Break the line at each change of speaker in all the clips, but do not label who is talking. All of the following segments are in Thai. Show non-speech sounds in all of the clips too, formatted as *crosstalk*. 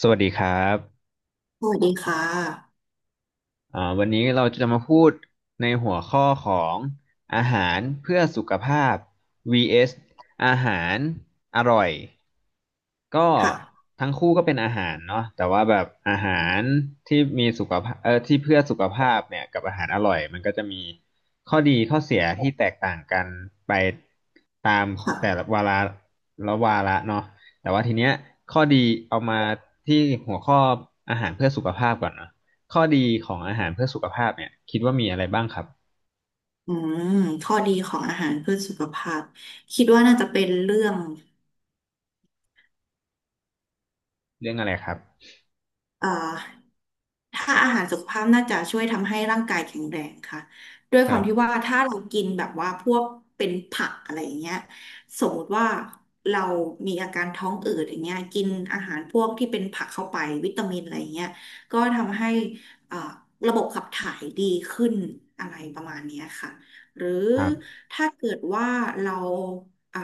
สวัสดีครับ
สวัสดีค่ะ
อ่าวันนี้เราจะมาพูดในหัวข้อของอาหารเพื่อสุขภาพ vs อสอาหารอร่อยก็
ค่ะ
ทั้งคู่ก็เป็นอาหารเนาะแต่ว่าแบบอาหารที่มีสุขภาพที่เพื่อสุขภาพเนี่ยกับอาหารอร่อยมันก็จะมีข้อดีข้อเสียที่แตกต่างกันไปตามแต่ละ
ค่ะ
วาระละวาระเนาะแต่ว่าทีเนี้ยข้อดีเอามาที่หัวข้ออาหารเพื่อสุขภาพก่อนเนาะ ข้อดีของอาหารเพื่อสุขภาพเนี่ยคิดว่ามีอะไรบ้างครับ
อืมข้อดีของอาหารเพื่อสุขภาพ คิดว่าน่าจะเป็นเรื่อง
เรื่องอะไรครับ
เอ่อ ถ้าอาหารสุขภาพน่าจะช่วยทำให้ร่างกายแข็งแรงค่ะด้วย
ค
ค
รั
วาม
บ
ที่ว่าถ้าเรากินแบบว่าพวกเป็นผักอะไรอย่างเงี้ยสมมติว่าเรามีอาการท้องอืดอย่างเงี้ยกินอาหารพวกที่เป็นผักเข้าไปวิตามินอะไรอย่างเงี้ยก็ทำให้อ่าระบบขับถ่ายดีขึ้นอะไรประมาณเนี้ยค่ะ หรือ
ครับ
ถ้าเกิดว่าเราอ่า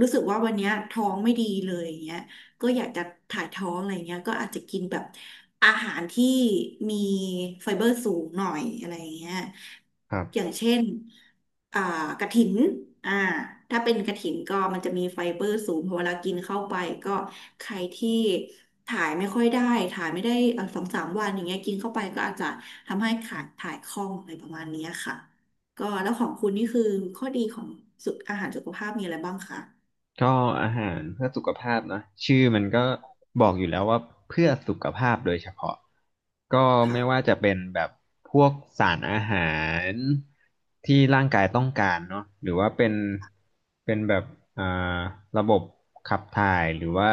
รู้สึกว่าวันเนี้ยท้องไม่ดีเลยอย่างเงี้ย ก็อยากจะถ่ายท้องอะไรเงี้ยก็อาจจะกินแบบอาหารที่มีไฟเบอร์สูงหน่อยอะไรเงี้ย
ครั
อย่าง
บ
เช่นอ่ากระถินอ่าถ้าเป็นกระถินก็มันจะมีไฟเบอร์สูงพอเวลากินเข้าไปก็ใครที่ถ่ายไม่ค่อยได้ถ่ายไม่ได้สองสามวันอย่างเงี้ยกินเข้าไปก็อาจจะทำให้ขาดถ่ายคล่องอะไรประมาณเนี้ยค่ะก็แล้วของคุณนี่คือข้อดีของสุขอาหารสุขภาพมีอะไรบ้างคะ
ก็อาหารเพื่อสุขภาพนะชื่อมันก็บอกอยู่แล้วว่าเพื่อสุขภาพโดยเฉพาะก็
ค่ะ
ไม่ว่าจะเป็นแบบพวกสารอาหารที่ร่างกายต้องการเนาะหรือว่าเป็นแบบอ่าระบบขับถ่ายหรือว่า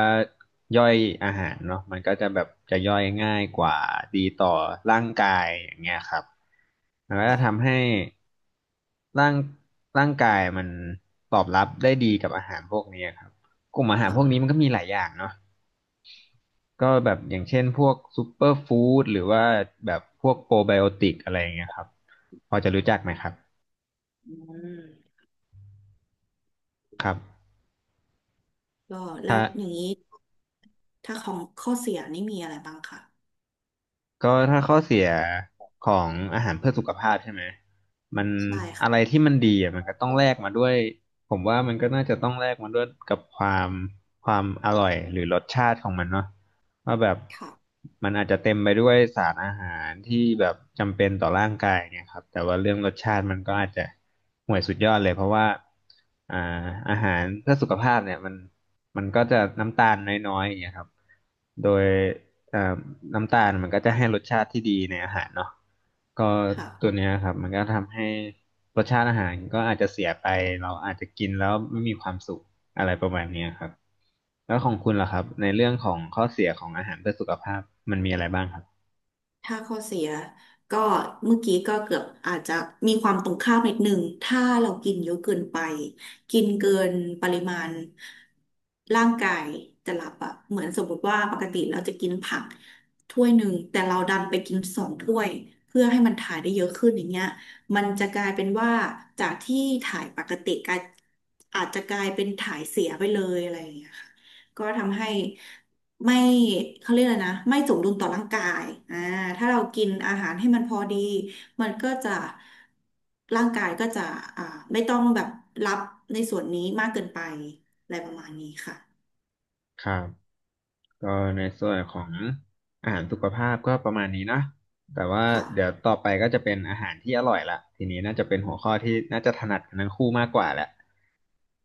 ย่อยอาหารเนาะมันก็จะแบบจะย่อยง่ายกว่าดีต่อร่างกายอย่างเงี้ยครับมันก็จะทำ
ค่ะ
ให้ ร่างร่างกายมันตอบรับได้ดีกับอาหารพวกนี้ครับกลุ่มอาหารพ
ค่ะ
วกนี้มันก็มีหลายอย่างเนาะก็แบบอย่างเช่นพวกซูเปอร์ฟู้ดหรือว่าแบบพวกโปรไบโอติกอะไรอย่างเงี้ยครับพอจะรู้จักไหมครับ
อืม
ครับ
ก็แล้
ถ้า
วอย่างนี้ถ้าของข้อเสียนี่มีอะไรบ้างคะ
ก็ถ้าข้อเสียของอาหารเพื่อสุขภาพใช่ไหมมัน
ใช่
อะไร
ค่ะ
ที่มันดีอ่ะมันก็ต้องแลกมาด้วยผมว่ามันก็น่าจะต้องแลกมาด้วยกับความอร่อยหรือรสชาติของมันเนาะว่าแบบ
ค่ะ
มันอาจจะเต็มไปด้วยสารอาหารที่แบบจำเป็นต่อร่างกายเนี่ยครับแต่ว่าเรื่องรสชาติมันก็อาจจะห่วยสุดยอดเลยเพราะว่าอ่าอาหารเพื่อสุขภาพเนี่ยมันก็จะน้ำตาลน้อยๆอย่างเงี้ยครับโดย เอ่อน้ำตาลมันก็จะให้รสชาติที่ดีในอาหารเนาะก็ตัว
ค่ะ
เนี้ยครับมันก็ทำให้รสชาติอาหารก็อาจจะเสียไปเราอาจจะกินแล้วไม่มีความสุขอะไรประมาณเนี้ยครับแล้วของคุณล่ะครับในเรื่องของข้อเสียของอาหารเพื่อสุขภาพมันมีอะไรบ้างครับ
ถ้าข้อเสียก็เมื่อกี้ก็เกือบอาจจะมีความตรงข้ามนิดหนึ่งถ้าเรากินเยอะเกินไปกินเกินปริมาณร่างกายจะรับอะเหมือนสมมติว่าปกติเราจะกินผักถ้วยหนึ่งแต่เราดันไปกินสองถ้วยเพื่อให้มันถ่ายได้เยอะขึ้นอย่างเงี้ยมันจะกลายเป็นว่าจากที่ถ่ายปกติกลายอาจจะกลายเป็นถ่ายเสียไปเลยอะไรอย่างเงี้ยค่ะ ก็ทำให้ไม่เขาเรียกอะไรนะไม่สมดุลต่อร่างกายอ่าถ้าเรากินอาหารให้มันพอดีมันก็จะร่างกายก็จะอ่าไม่ต้องแบบรับในส่วนนี้มากเกินไปอะไรประมาณนี้ค่ะ
ครับก็ในส่วนของอาหารสุขภาพก็ประมาณนี้นะแต่ว่า
ค่ะ
เดี๋ยวต่อไปก็จะเป็นอาหารที่อร่อยละทีนี้น่าจะเป็นหัวข้อที่น่าจะถนัดกันทั้งคู่มากกว่าแหละ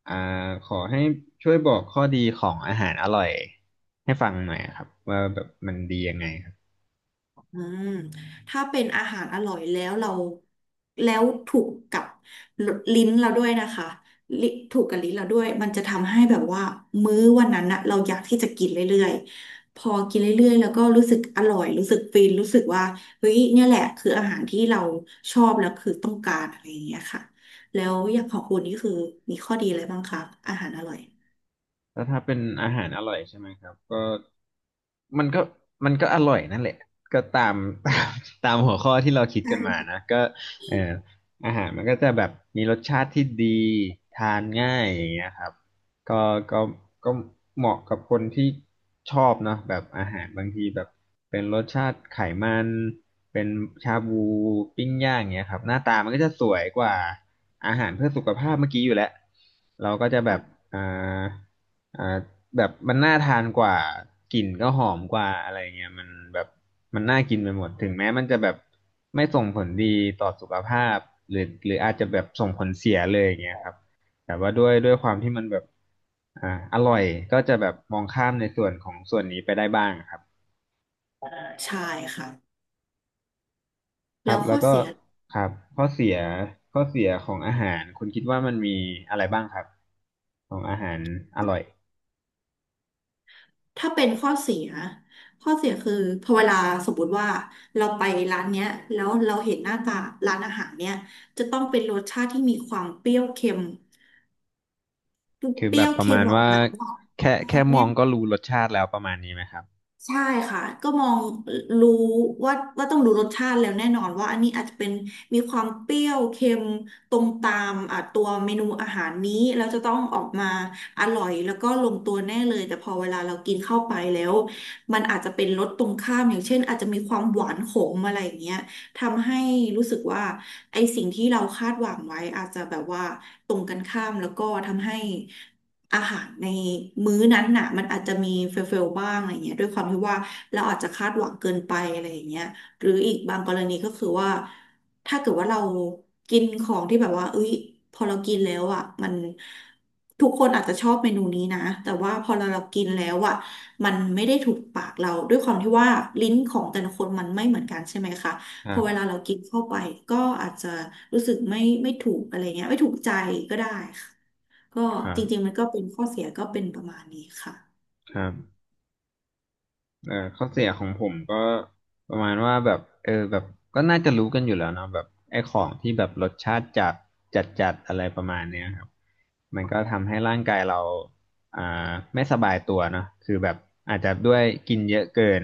อ่าขอให้ช่วยบอกข้อดีของอาหารอร่อยให้ฟังหน่อยครับว่าแบบมันดียังไงครับ
ถ้าเป็นอาหารอร่อยแล้วเราแล้วถูกกับลิ้นเราด้วยนะคะลิถูกกับลิ้นเราด้วยมันจะทำให้แบบว่ามื้อวันนั้นนะเราอยากที่จะกินเรื่อยๆพอกินเรื่อยๆแล้วก็รู้สึกอร่อยรู้สึกฟินรู้สึกว่าเฮ้ยเนี่ยแหละคืออาหารที่เราชอบแล้วคือต้องการอะไรอย่างเงี้ยค่ะแล้วอย่างของคุณนี่คือมีข้อดีอะไรบ้างคะอาหารอร่อย
แล้วถ้าเป็นอาหารอร่อยใช่ไหมครับก็มันก็มันก็อร่อยนั่นแหละก็ตาม *laughs* ตามตามหัวข้อที่เราคิดกันมานะก็เอ่ออาหารมันก็จะแบบมีรสชาติที่ดีทานง่ายอย่างเงี้ยครับก็ก็ก็เหมาะกับคนที่ชอบเนาะแบบอาหารบางทีแบบเป็นรสชาติไขมันเป็นชาบูปิ้งย่างเงี้ยครับหน้าตามันก็จะสวยกว่าอาหารเพื่อสุขภาพเมื่อกี้อยู่แล้วเราก็จะแบบ
ค่ะ
อ่า อ่าแบบมันน่าทานกว่ากลิ่นก็หอมกว่าอะไรเงี้ยมันแบบมันน่ากินไปหมดถึงแม้มันจะแบบไม่ส่งผลดีต่อสุขภาพหรือหรืออาจจะแบบส่งผลเสียเลยอย่างเงี้ยครับแต่ว่าด้วยความที่มันแบบอ่าอร่อยก็จะแบบมองข้ามในส่วนของส่วนนี้ไปได้บ้างครับ
ใช่ค่ะ
ค
แล้
รับ
วข้
แล้ว
อ
ก็
เสีย
ครับข้อเสียข้อเสียของอาหารคุณคิดว่ามันมีอะไรบ้างครับของอาหารอร่อย
ถ้าเป็นข้อเสีย ข้อเสียคือพอเวลาสมมติว่าเราไปร้านเนี้ยแล้วเราเห็นหน้าตาร้านอาหารเนี้ยจะต้องเป็นรสชาติที่มีความเปรี้ยวเค็ม เ
คือ
ป
แบ
รี้ย
บ
ว
ประ
เค็
มา
ม
ณ
ออก
ว่า
มา
แค่ม
แน่
องก็รู้รสชาติแล้วประมาณนี้ไหมครับ
ใช่ค่ะก็มองรู้ว่าต้องดูรสชาติแล้วแน่นอนว่าอันนี้อาจจะเป็นมีความเปรี้ยวเค็มตรงตามอ่ะตัวเมนูอาหารนี้แล้วจะต้องออกมาอร่อยแล้วก็ลงตัวแน่เลยแต่พอเวลาเรากินเข้าไปแล้วมันอาจจะเป็นรสตรงข้ามอย่างเช่นอาจจะมีความหวานขมอะไรอย่างเงี้ยทำให้รู้สึกว่าไอสิ่งที่เราคาดหวังไว้อาจจะแบบว่าตรงกันข้ามแล้วก็ทำให้ อาหารในมื้อนั้นน่ะมันอาจจะมีเฟลบ้างอะไรเงี้ยด้วยความที่ว่าเราอาจจะคาดหวังเกินไปอะไรอย่างเงี้ยหรืออีกบางกรณีก็คือว่าถ้าเกิดว่าเรากินของที่แบบว่าเอ้ยพอเรากินแล้วอ่ะมันทุกคนอาจจะชอบเมนูนี้นะแต่ว่าพอเรากินแล้วอ่ะมันไม่ได้ถูกปากเราด้วยความที่ว่าลิ้นของแต่ละคนมันไม่เหมือนกันใช่ไหมคะ
ค
พ
รั
อ
บ
เวลาเรากินเข้าไปก็อาจจะรู้สึกไม่ถูกอะไรเงี้ยไม่ถูกใจก็ได้ค่ะ ก็
ครั
จ
บ
ริงๆมันก็เป็นข้อเสียก็เป็นประมาณนี้ค่ะ
ครับ เออข้อเสียของผมก็ประมาณว่าแบบเออแบบก็น่าจะรู้กันอยู่แล้วเนาะแบบไอ้ของที่แบบรสชาติจัดจัดอะไรประมาณเนี้ยครับมันก็ทำให้ร่างกายเราไม่สบายตัวเนาะคือแบบอาจจะด้วยกินเยอะเกิน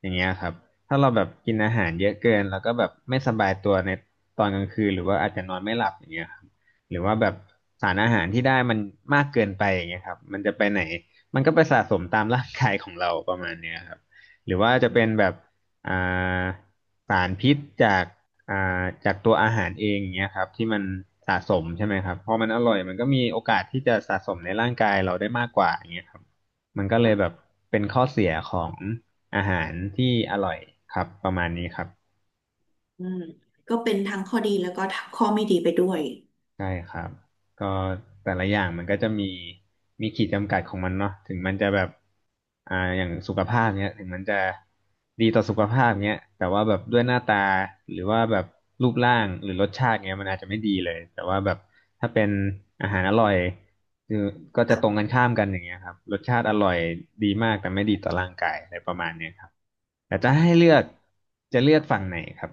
อย่างเงี้ยครับถ้าเราแบบกินอาหารเยอะเกินแล้วก็แบบไม่สบายตัวในตอนกลางคืนหรือว่าอาจจะนอนไม่หลับอย่างเงี้ยครับหรือว่าแบบสารอาหารที่ได้มันมากเกินไปอย่างเงี้ยครับมันจะไปไหนมันก็ไปสะสมตามร่างกายของเราประมาณเนี้ยครับ หรือว่าจะเป็นแบบอ่าสารพิษจากอ่จากตัวอาหารเองอย่างเงี้ยครับที่มันสะสมใช่ไหมครับพอมันอร่อยมันก็มีโอกาสที่จะสะสมในร่างกายเราได้มากกว่าอย่างเงี้ยครับมันก็เลยแบบเป็นข้อเสียของอาหารที่อร่อยครับประมาณนี้ครับ
อืมก็เป็นทั้งข้อดีแล้วก็ทั้งข้อไม่ดีไปด้วย
ใช่ครับก็แต่ละอย่างมันก็จะมีขีดจำกัดของมันเนาะถึงมันจะแบบ อย่างสุขภาพเนี้ยถึงมันจะดีต่อสุขภาพเนี้ยแต่ว่าแบบด้วยหน้าตาหรือว่าแบบรูปร่างหรือรสชาติเนี้ยมันอาจจะไม่ดีเลย แต่ว่าแบบถ้าเป็นอาหารอร่อยคือก็จะตรงกันข้ามกันอย่างเงี้ยครับรสชาติอร่อยดีมากแต่ไม่ดีต่อร่างกายอะไรประมาณเนี้ยครับแต่จะให้เลือก จะเลือกฝั่งไหนครับ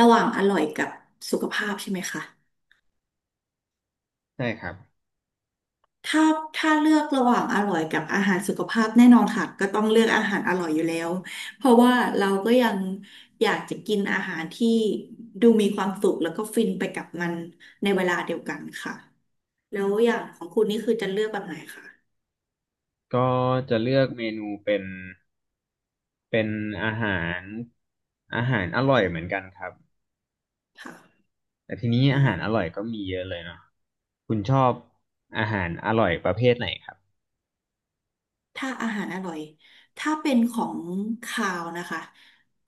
ระหว่างอร่อยกับสุขภาพใช่ไหมคะ
ใช่ครับ
ถ้าเลือกระหว่างอร่อยกับอาหารสุขภาพแน่นอนค่ะก็ต้องเลือกอาหารอร่อยอยู่แล้ว เพราะว่าเราก็ยังอยากจะกินอาหารที่ดูมีความสุขแล้วก็ฟินไปกับมันในเวลาเดียวกันค่ะแล้วอย่างของคุณนี่คือจะเลือกแบบไหนคะ
ก็จะเลือกเมนูเป็น เป็นอาหารอร่อยเหมือนกันครับ
ค่
แต่ทีนี้อาหารอ
ะ
ร่อยก็มีเยอะเลยเนาะคุณชอบอาหารอร่อยประเภทไหนครับ
ถ้าอาหารอร่อยถ้าเป็นของคาวนะคะ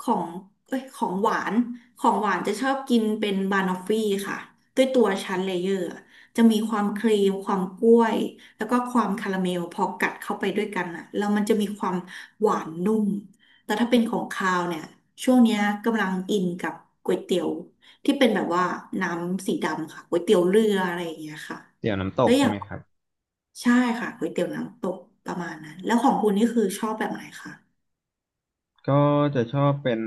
ของเอ้ยของหวานของหวานจะชอบกินเป็นบานอฟฟี่ค่ะ ด้วยตัวชั้นเลเยอร์อะจะมีความครีมความกล้วย แล้วก็ความคาราเมลพอกัดเข้าไปด้วยกันอ่ะแล้วมันจะมีความหวานนุ่มแต่ถ้าเป็นของคาวเนี่ยช่วงเนี้ยกำลังอินกับก๋วยเตี๋ยวที่เป็นแบบว่าน้ำสีดำค่ะก๋วยเตี๋ยวเรืออะไรอย่างเงี้ยค่ะ
เตี๋ยวน้ำต
แล้
ก
วอ
ใช่
ย่าง
ไหมครับ
ใช่ค่ะก๋วยเตี๋ยวน้ำตกประมาณนั้นแล้วของคุณนี่คือชอบแบบไหนคะ
ก็จะชอบเป็น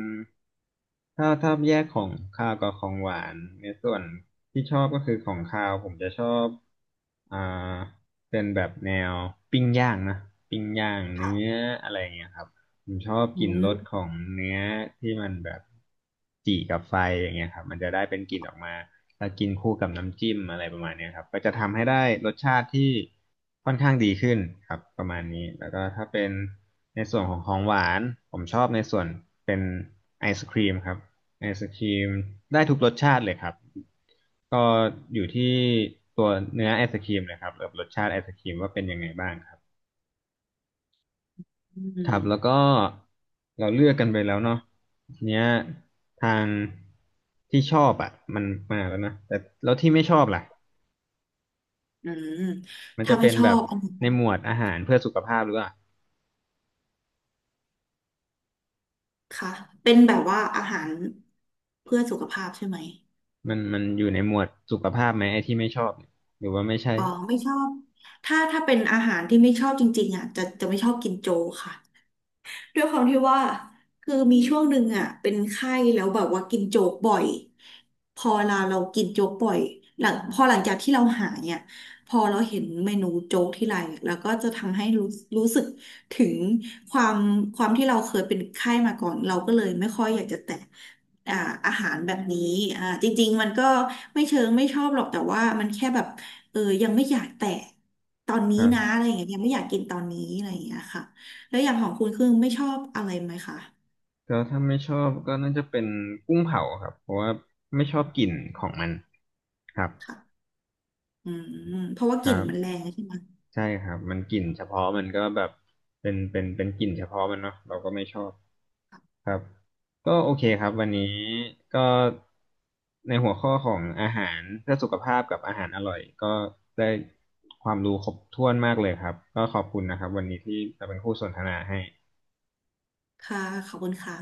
ถ้าแยกของคาวกับของหวานในส่วนที่ชอบก็คือของคาวผมจะชอบอ่าเป็นแบบแนวปิ้งย่างนะปิ้งย่างเนื้
ค่ะ
ออะไรอย่างเงี้ยครับผมชอบ
อื
กลิ่นรสข
ม
องเนื้อที่มันแบบจี่กับไฟอย่างเงี้ยครับมันจะได้เป็นกลิ่นออกมา มากินคู่กับน้ำจิ้มอะไรประมาณเนี้ยครับก็จะทำให้ได้รสชาติที่ค่อนข้างดีขึ้นครับประมาณนี้แล้วก็ถ้าเป็นในส่วนของของหวานผมชอบในส่วนเป็นไอศครีมครับไอศครีมได้ทุกรสชาติเลยครับก็อยู่ที่ตัวเนื้อไอศครีมเลยครับกับรสชาติไอศครีมว่าเป็นยังไงบ้างครับ
อื
ครับแล้ว
ม
ก็เราเลือกกันไปแล้วเนาะทีเนี้ยทางที่ชอบอ่ะมันมาแล้วนะแต่แล้วที่ไม่ชอบล่ะ
อืม
มัน
ถ้า
จะ
ไม่
เป็น
ชอ
แบบ
บเอา
ในหมวดอาหารเพื่อสุขภาพหรือว่า
ค่ะเป็นแบบว่าอาหารเพื่อสุขภาพใช่ไหม
มันอยู่ในหมวดสุขภาพไหมไอ้ที่ไม่ชอบเนี่ยหรือว่าไม่ใช่
อ๋อไม่ชอบถ้าเป็นอาหารที่ไม่ชอบจริงๆอ่ะจะไม่ชอบกินโจค่ะ ด้วยความที่ว่าคือมีช่วงหนึ่งอ่ะเป็นไข้แล้วแบบว่ากินโจ๊กบ่อยพอเรากินโจ๊กบ่อยหลังพอหลังจากที่เราหายเนี่ยพอเราเห็นเมนูโจ๊กที่ไรแล้วก็จะทำให้รู้รู้สึกถึงความความที่เราเคยเป็นไข้มาก่อนเราก็เลยไม่ค่อยอยากจะแตะอ่าอาหารแบบนี้จริงๆมันก็ไม่เชิงไม่ชอบหรอกแต่ว่ามันแค่แบบเออยังไม่อยากแตะตอนนี้
ครั
นะอะ
บ
ไรอย่างเงี้ยยังไม่อยากกินตอนนี้อะไรอย่างเงี้ยค่ะ แล้วอย่างของคุณคือไม่ชอบอะไรไหมคะ
ก็ถ้าไม่ชอบก็น่าจะเป็นกุ้งเผาครับเพราะว่าไม่ชอบกลิ่นของมันครับ
ค่ะอืมเพราะว่าก
ค
ลิ่
รั
นมันแร
บ
งใช่ไหม
ใช่ครับมันกลิ่นเฉพาะมันก็แบบเป็นกลิ่นเฉพาะมันเนาะเราก็ไม่ชอบ ครับก็โอเคครับวันนี้ก็ในหัวข้อของอาหารเพื่อสุขภาพกับอาหารอร่อยก็ได้ความรู้ครบถ้วนมากเลยครับก็ขอบคุณนะครับวันนี้ที่มาเป็นคู่สนทนาให้
ค่ะขอบคุณค่ะ